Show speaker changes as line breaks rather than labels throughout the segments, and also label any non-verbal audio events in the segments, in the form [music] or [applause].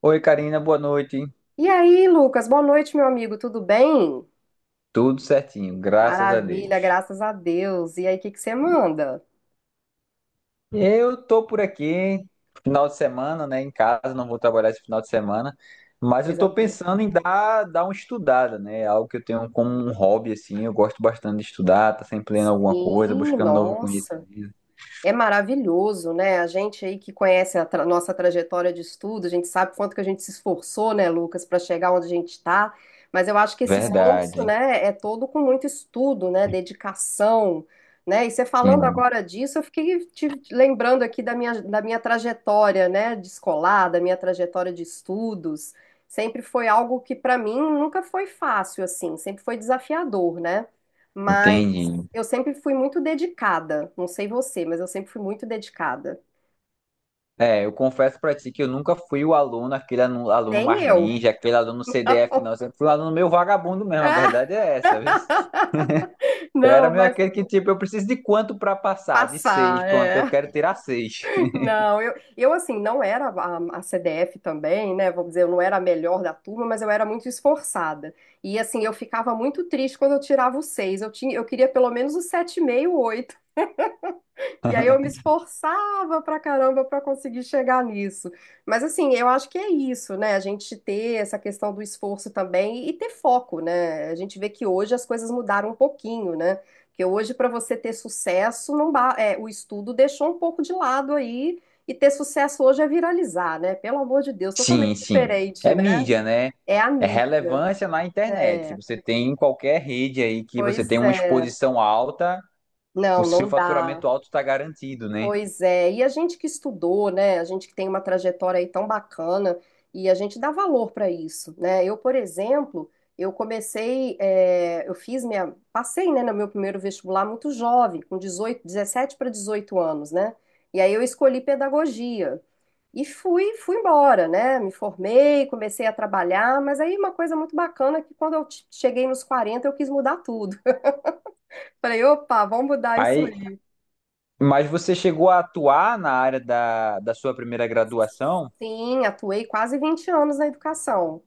Oi, Karina, boa noite.
E aí, Lucas, boa noite, meu amigo, tudo bem?
Tudo certinho, graças a Deus.
Maravilha, graças a Deus. E aí, o que que você manda?
Eu tô por aqui, final de semana, né, em casa, não vou trabalhar esse final de semana, mas eu
Coisa
tô
boa.
pensando em dar uma estudada, né? Algo que eu tenho como um hobby, assim, eu gosto bastante de estudar, tá sempre lendo alguma coisa,
Sim,
buscando novo
nossa.
conhecimento.
É maravilhoso, né? A gente aí que conhece a nossa trajetória de estudo, a gente sabe quanto que a gente se esforçou, né, Lucas, para chegar onde a gente está. Mas eu acho que esse esforço,
Verdade.
né, é todo com muito estudo, né, dedicação, né? E você falando
Sim,
agora disso, eu fiquei te lembrando aqui da minha trajetória, né, de escolar, da minha trajetória de estudos. Sempre foi algo que para mim nunca foi fácil, assim, sempre foi desafiador, né? Mas
entendi.
eu sempre fui muito dedicada. Não sei você, mas eu sempre fui muito dedicada.
É, eu confesso pra ti que eu nunca fui o aluno, aquele aluno
Nem
mais
eu.
ninja, aquele aluno CDF,
Não.
não. Eu
[laughs]
sempre fui um aluno meio vagabundo mesmo, a
Ah,
verdade é essa, viu? Eu era
não,
meio
mas
aquele que, tipo, eu preciso de quanto pra passar? De seis,
passar,
pronto,
é.
eu quero tirar seis. [laughs]
Não, eu assim, não era a CDF também, né? Vamos dizer, eu não era a melhor da turma, mas eu era muito esforçada. E assim, eu ficava muito triste quando eu tirava o seis. Eu queria pelo menos o 7,5, 8. E aí eu me esforçava pra caramba pra conseguir chegar nisso. Mas assim, eu acho que é isso, né? A gente ter essa questão do esforço também e ter foco, né? A gente vê que hoje as coisas mudaram um pouquinho, né? Porque hoje para você ter sucesso, não é, o estudo deixou um pouco de lado aí e ter sucesso hoje é viralizar, né? Pelo amor de Deus, totalmente
Sim, sim.
diferente,
É
né?
mídia, né?
É a
É
mídia.
relevância na internet.
É.
Você tem em qualquer rede aí que você tem
Pois
uma
é.
exposição alta, o
Não,
seu
não dá.
faturamento alto está garantido, né?
Pois é, e a gente que estudou, né? A gente que tem uma trajetória aí tão bacana e a gente dá valor para isso, né? Eu, por exemplo, eu comecei, é, eu fiz minha, passei, né, no meu primeiro vestibular muito jovem, com 18 17 para 18 anos, né? E aí eu escolhi pedagogia e fui embora, né? Me formei, comecei a trabalhar, mas aí uma coisa muito bacana é que quando eu cheguei nos 40 eu quis mudar tudo. [laughs] Falei, opa, vamos mudar isso
Aí,
aí.
mas você chegou a atuar na área da sua primeira graduação?
Sim, atuei quase 20 anos na educação.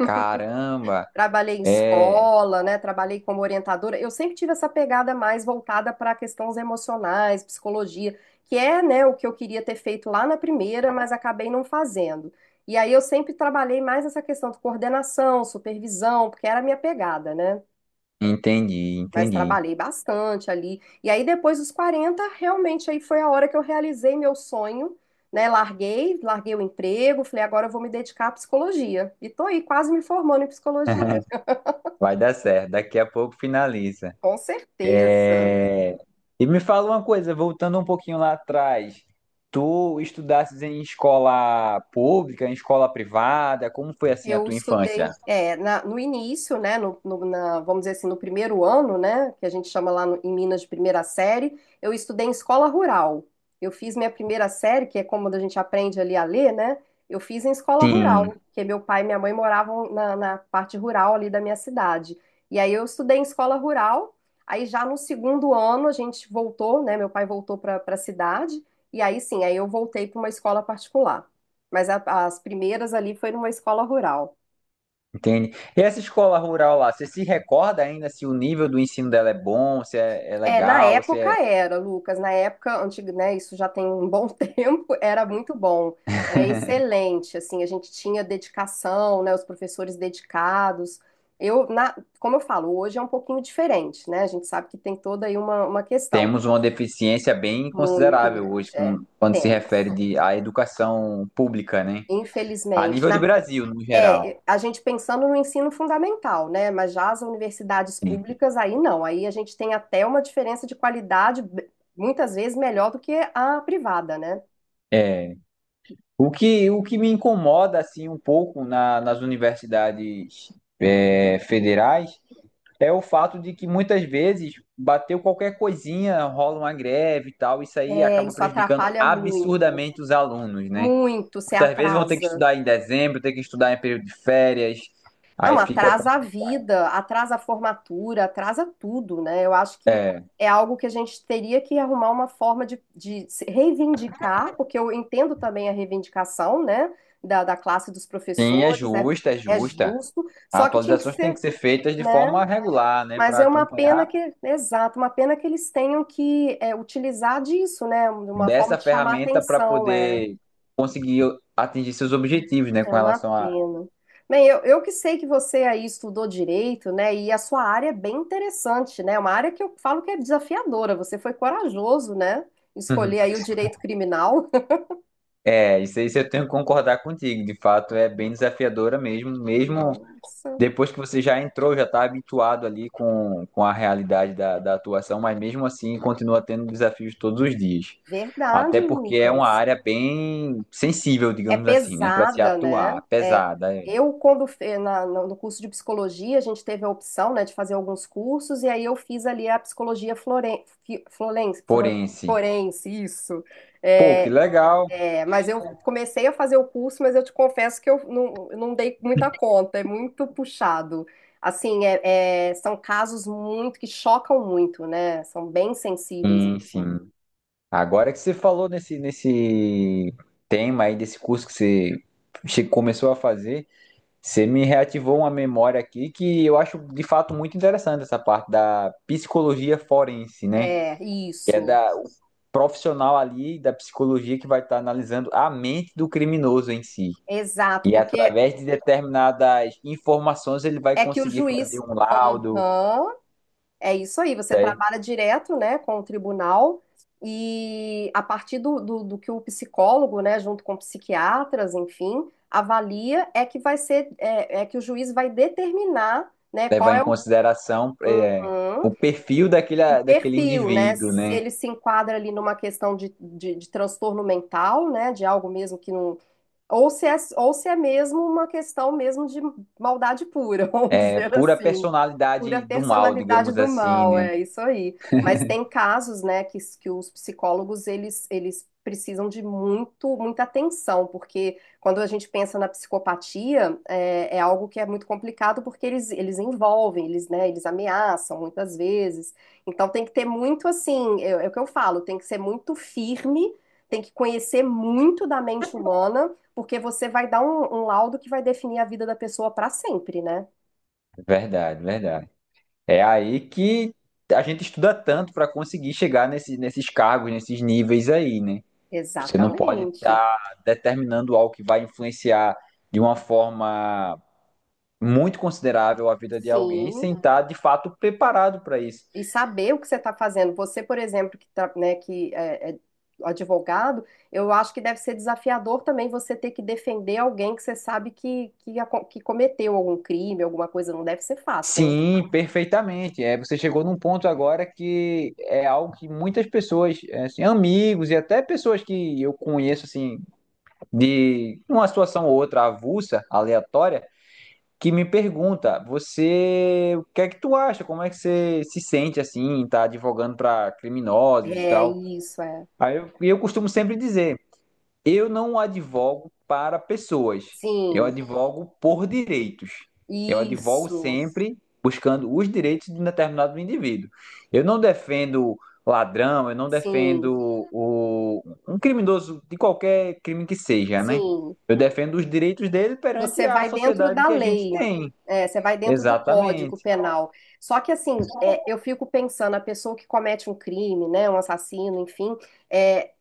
Caramba,
Trabalhei em
é.
escola, né? Trabalhei como orientadora. Eu sempre tive essa pegada mais voltada para questões emocionais, psicologia, que é, né, o que eu queria ter feito lá na primeira, mas acabei não fazendo. E aí eu sempre trabalhei mais essa questão de coordenação, supervisão, porque era a minha pegada, né?
Entendi,
Mas
entendi.
trabalhei bastante ali. E aí, depois dos 40 realmente aí foi a hora que eu realizei meu sonho, né? Larguei o emprego, falei, agora eu vou me dedicar à psicologia. E tô aí quase me formando em psicologia.
Vai dar certo. Daqui a pouco finaliza.
Com certeza.
É, e me fala uma coisa, voltando um pouquinho lá atrás, tu estudastes em escola pública, em escola privada, como foi assim a
Eu
tua infância?
estudei no início, né, vamos dizer assim, no primeiro ano, né, que a gente chama lá em Minas de primeira série, eu estudei em escola rural. Eu fiz minha primeira série, que é como a gente aprende ali a ler, né? Eu fiz em escola rural,
Sim,
porque meu pai e minha mãe moravam na parte rural ali da minha cidade. E aí eu estudei em escola rural. Aí já no segundo ano a gente voltou, né? Meu pai voltou para a cidade. E aí sim, aí eu voltei para uma escola particular. Mas as primeiras ali foi numa escola rural.
entende? E essa escola rural lá, você se recorda ainda se o nível do ensino dela é bom, se é, é
É, na
legal, se
época
é...
era, Lucas, na época antiga, né, isso já tem um bom [laughs] tempo, era muito bom, era excelente, assim, a gente tinha dedicação, né, os professores dedicados. Eu, como eu falo, hoje é um pouquinho diferente, né? A gente sabe que tem toda aí uma questão
Temos uma deficiência bem
muito
considerável hoje
grande,
com... quando se refere
temos.
de, à educação pública, né? A
Infelizmente,
nível de
na
Brasil, no geral.
é, a gente pensando no ensino fundamental, né? Mas já as universidades
Sim.
públicas, aí não. Aí a gente tem até uma diferença de qualidade, muitas vezes melhor do que a privada, né?
É. O que me incomoda assim um pouco na... nas universidades é, federais é o fato de que muitas vezes bateu qualquer coisinha, rola uma greve e tal, isso aí
É,
acaba
isso
prejudicando
atrapalha muito,
absurdamente os alunos, né?
muito, se
Muitas vezes vão ter que
atrasa.
estudar em dezembro, ter que estudar em período de férias, aí
Não,
fica com...
atrasa a vida, atrasa a formatura, atrasa tudo, né? Eu acho que
é,
é algo que a gente teria que arrumar uma forma de se reivindicar, porque eu entendo também a reivindicação, né, da classe dos
sim, é
professores, é,
justa, é
é
justa.
justo,
As
só que tinha que
atualizações têm
ser,
que ser feitas de
né?
forma regular, né,
Mas
para
é uma
acompanhar
pena que, exato, uma pena que eles tenham que utilizar disso, né? Uma forma
dessa
de chamar
ferramenta para
atenção, é.
poder conseguir atingir seus objetivos, né,
É
com
uma
relação a...
pena. Bem, eu que sei que você aí estudou direito, né? E a sua área é bem interessante, né? É uma área que eu falo que é desafiadora. Você foi corajoso, né? Escolher aí o
[laughs]
direito criminal.
É, isso aí eu tenho que concordar contigo. De fato, é bem desafiadora mesmo,
[laughs]
mesmo
Nossa,
depois que você já entrou, já está habituado ali com a realidade da atuação, mas mesmo assim continua tendo desafios todos os dias. Até
verdade,
porque é uma
Lucas.
área bem sensível,
É
digamos assim, né, para se
pesada, né?
atuar,
É,
pesada, é,
eu, quando no curso de psicologia, a gente teve a opção, né, de fazer alguns cursos, e aí eu fiz ali a psicologia floren, fi- floren, fro-
forense.
forense, isso.
Pô, que
É,
legal.
é, mas eu comecei a fazer o curso, mas eu te confesso que eu não dei muita conta, é muito puxado. Assim, são casos muito que chocam muito, né? São bem sensíveis
Sim,
mesmo.
sim. Agora que você falou nesse tema aí, desse curso que você começou a fazer, você me reativou uma memória aqui que eu acho de fato muito interessante essa parte da psicologia forense, né?
É,
Que é
isso,
da, o profissional ali da psicologia que vai estar analisando a mente do criminoso em si.
exato,
E
porque
através de determinadas informações ele vai
é que o
conseguir fazer
juiz.
um laudo,
Aham, é isso aí, você
né?
trabalha direto, né, com o tribunal, e a partir do que o psicólogo, né, junto com psiquiatras, enfim, avalia, é que vai ser, é que o juiz vai determinar né,
Levar
qual
em
é.
consideração, é,
Uhum.
o perfil daquele,
O
daquele
perfil, né?
indivíduo,
Se
né?
ele se enquadra ali numa questão de transtorno mental, né? De algo mesmo que não. Ou se é mesmo uma questão mesmo de maldade pura, [laughs] vamos
É
dizer
pura
assim. Pura
personalidade do mal,
personalidade
digamos
do
assim,
mal,
né?
é isso aí. Mas tem casos, né, que, que os psicólogos, eles precisam de muita atenção, porque quando a gente pensa na psicopatia, é algo que é muito complicado, porque eles envolvem, eles, né, eles ameaçam muitas vezes. Então tem que ter muito, assim, é o que eu falo, tem que ser muito firme, tem que conhecer muito da mente humana, porque você vai dar um laudo que vai definir a vida da pessoa para sempre, né?
Verdade, verdade. É aí que a gente estuda tanto para conseguir chegar nesses cargos, nesses níveis aí, né? Você não pode
Exatamente.
estar determinando algo que vai influenciar de uma forma muito considerável a vida de alguém
Sim,
sem estar de fato preparado para isso.
e saber o que você está fazendo. Você, por exemplo, que, tá, né, que é advogado, eu acho que deve ser desafiador também você ter que defender alguém que você sabe que que cometeu algum crime, alguma coisa. Não deve ser fácil, hein?
Sim, perfeitamente. É, você chegou num ponto agora que é algo que muitas pessoas, é, assim, amigos e até pessoas que eu conheço assim de uma situação ou outra avulsa, aleatória, que me pergunta: você, o que é que tu acha? Como é que você se sente assim, tá advogando para criminosos e
É
tal?
isso, é.
Aí eu, e eu costumo sempre dizer: eu não advogo para pessoas, eu
Sim,
advogo por direitos. Eu advogo
isso,
sempre buscando os direitos de um determinado indivíduo. Eu não defendo ladrão, eu não defendo
sim,
o, um criminoso de qualquer crime que seja, né?
sim.
Eu defendo os direitos dele perante
Você
a
vai dentro
sociedade
da
que a gente
lei,
tem.
você vai dentro do
Exatamente.
Código Penal. Só que assim, eu fico pensando, a pessoa que comete um crime, né, um assassino, enfim, é,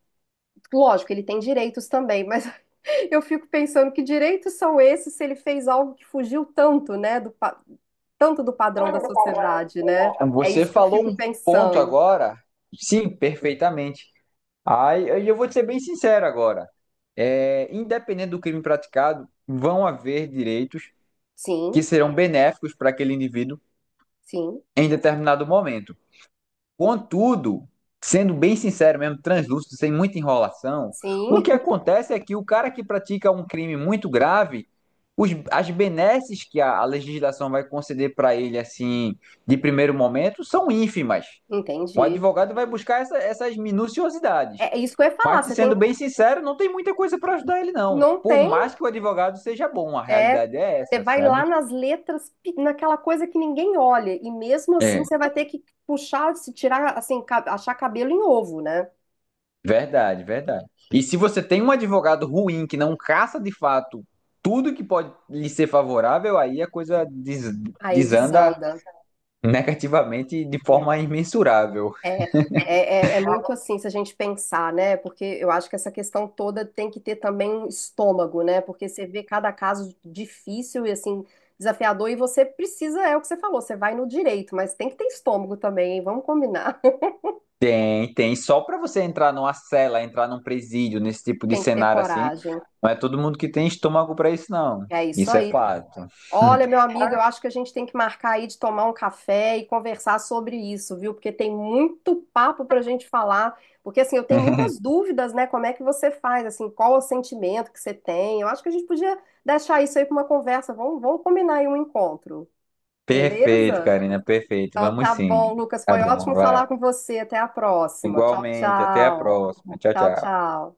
lógico, ele tem direitos também, mas [laughs] eu fico pensando que direitos são esses se ele fez algo que fugiu tanto, né, tanto do padrão da sociedade, né? É
Você
isso que eu
falou
fico
um ponto
pensando.
agora. Sim, perfeitamente. Aí eu vou te ser bem sincero agora. É, independente do crime praticado, vão haver direitos que
Sim,
serão benéficos para aquele indivíduo
sim,
em determinado momento. Contudo, sendo bem sincero mesmo, translúcido, sem muita enrolação, o
sim,
que
[laughs]
acontece é que o cara que pratica um crime muito grave, as benesses que a legislação vai conceder para ele, assim, de primeiro momento, são ínfimas. O
entendi.
advogado vai buscar essas minuciosidades.
É isso que eu ia
Mas,
falar,
te
você tem,
sendo bem sincero, não tem muita coisa para ajudar ele, não.
não
Por
tem,
mais que o advogado seja bom, a realidade é
você
essa,
vai
sabe?
lá nas letras, naquela coisa que ninguém olha, e mesmo assim
É,
você vai ter que puxar, se tirar, assim, achar cabelo em ovo, né?
verdade, verdade. E se você tem um advogado ruim que não caça de fato tudo que pode lhe ser favorável, aí a coisa
Aí
desanda
desanda.
negativamente de forma
É.
imensurável.
É, é, é muito assim, se a gente pensar, né? Porque eu acho que essa questão toda tem que ter também um estômago, né? Porque você vê cada caso difícil e assim, desafiador, e você precisa, é o que você falou, você vai no direito, mas tem que ter estômago também, hein? Vamos combinar. [laughs]
É, e tem só para você entrar numa cela, entrar num presídio, nesse tipo de
Tem que ter
cenário assim,
coragem.
não é todo mundo que tem estômago para isso, não.
É isso
Isso é
aí.
fato.
Olha, meu amigo, eu acho que a gente tem que marcar aí de tomar um café e conversar sobre isso, viu? Porque tem muito papo para a gente falar. Porque, assim, eu tenho muitas dúvidas, né? Como é que você faz, assim, qual o sentimento que você tem? Eu acho que a gente podia deixar isso aí para uma conversa. Vamos combinar aí um encontro,
Perfeito,
beleza?
Karina, perfeito.
Então,
Vamos
tá
sim.
bom, Lucas.
Tá
Foi
bom,
ótimo
vai.
falar com você. Até a próxima. Tchau,
Igualmente, até a
tchau.
próxima. Tchau,
Tchau,
tchau.
tchau.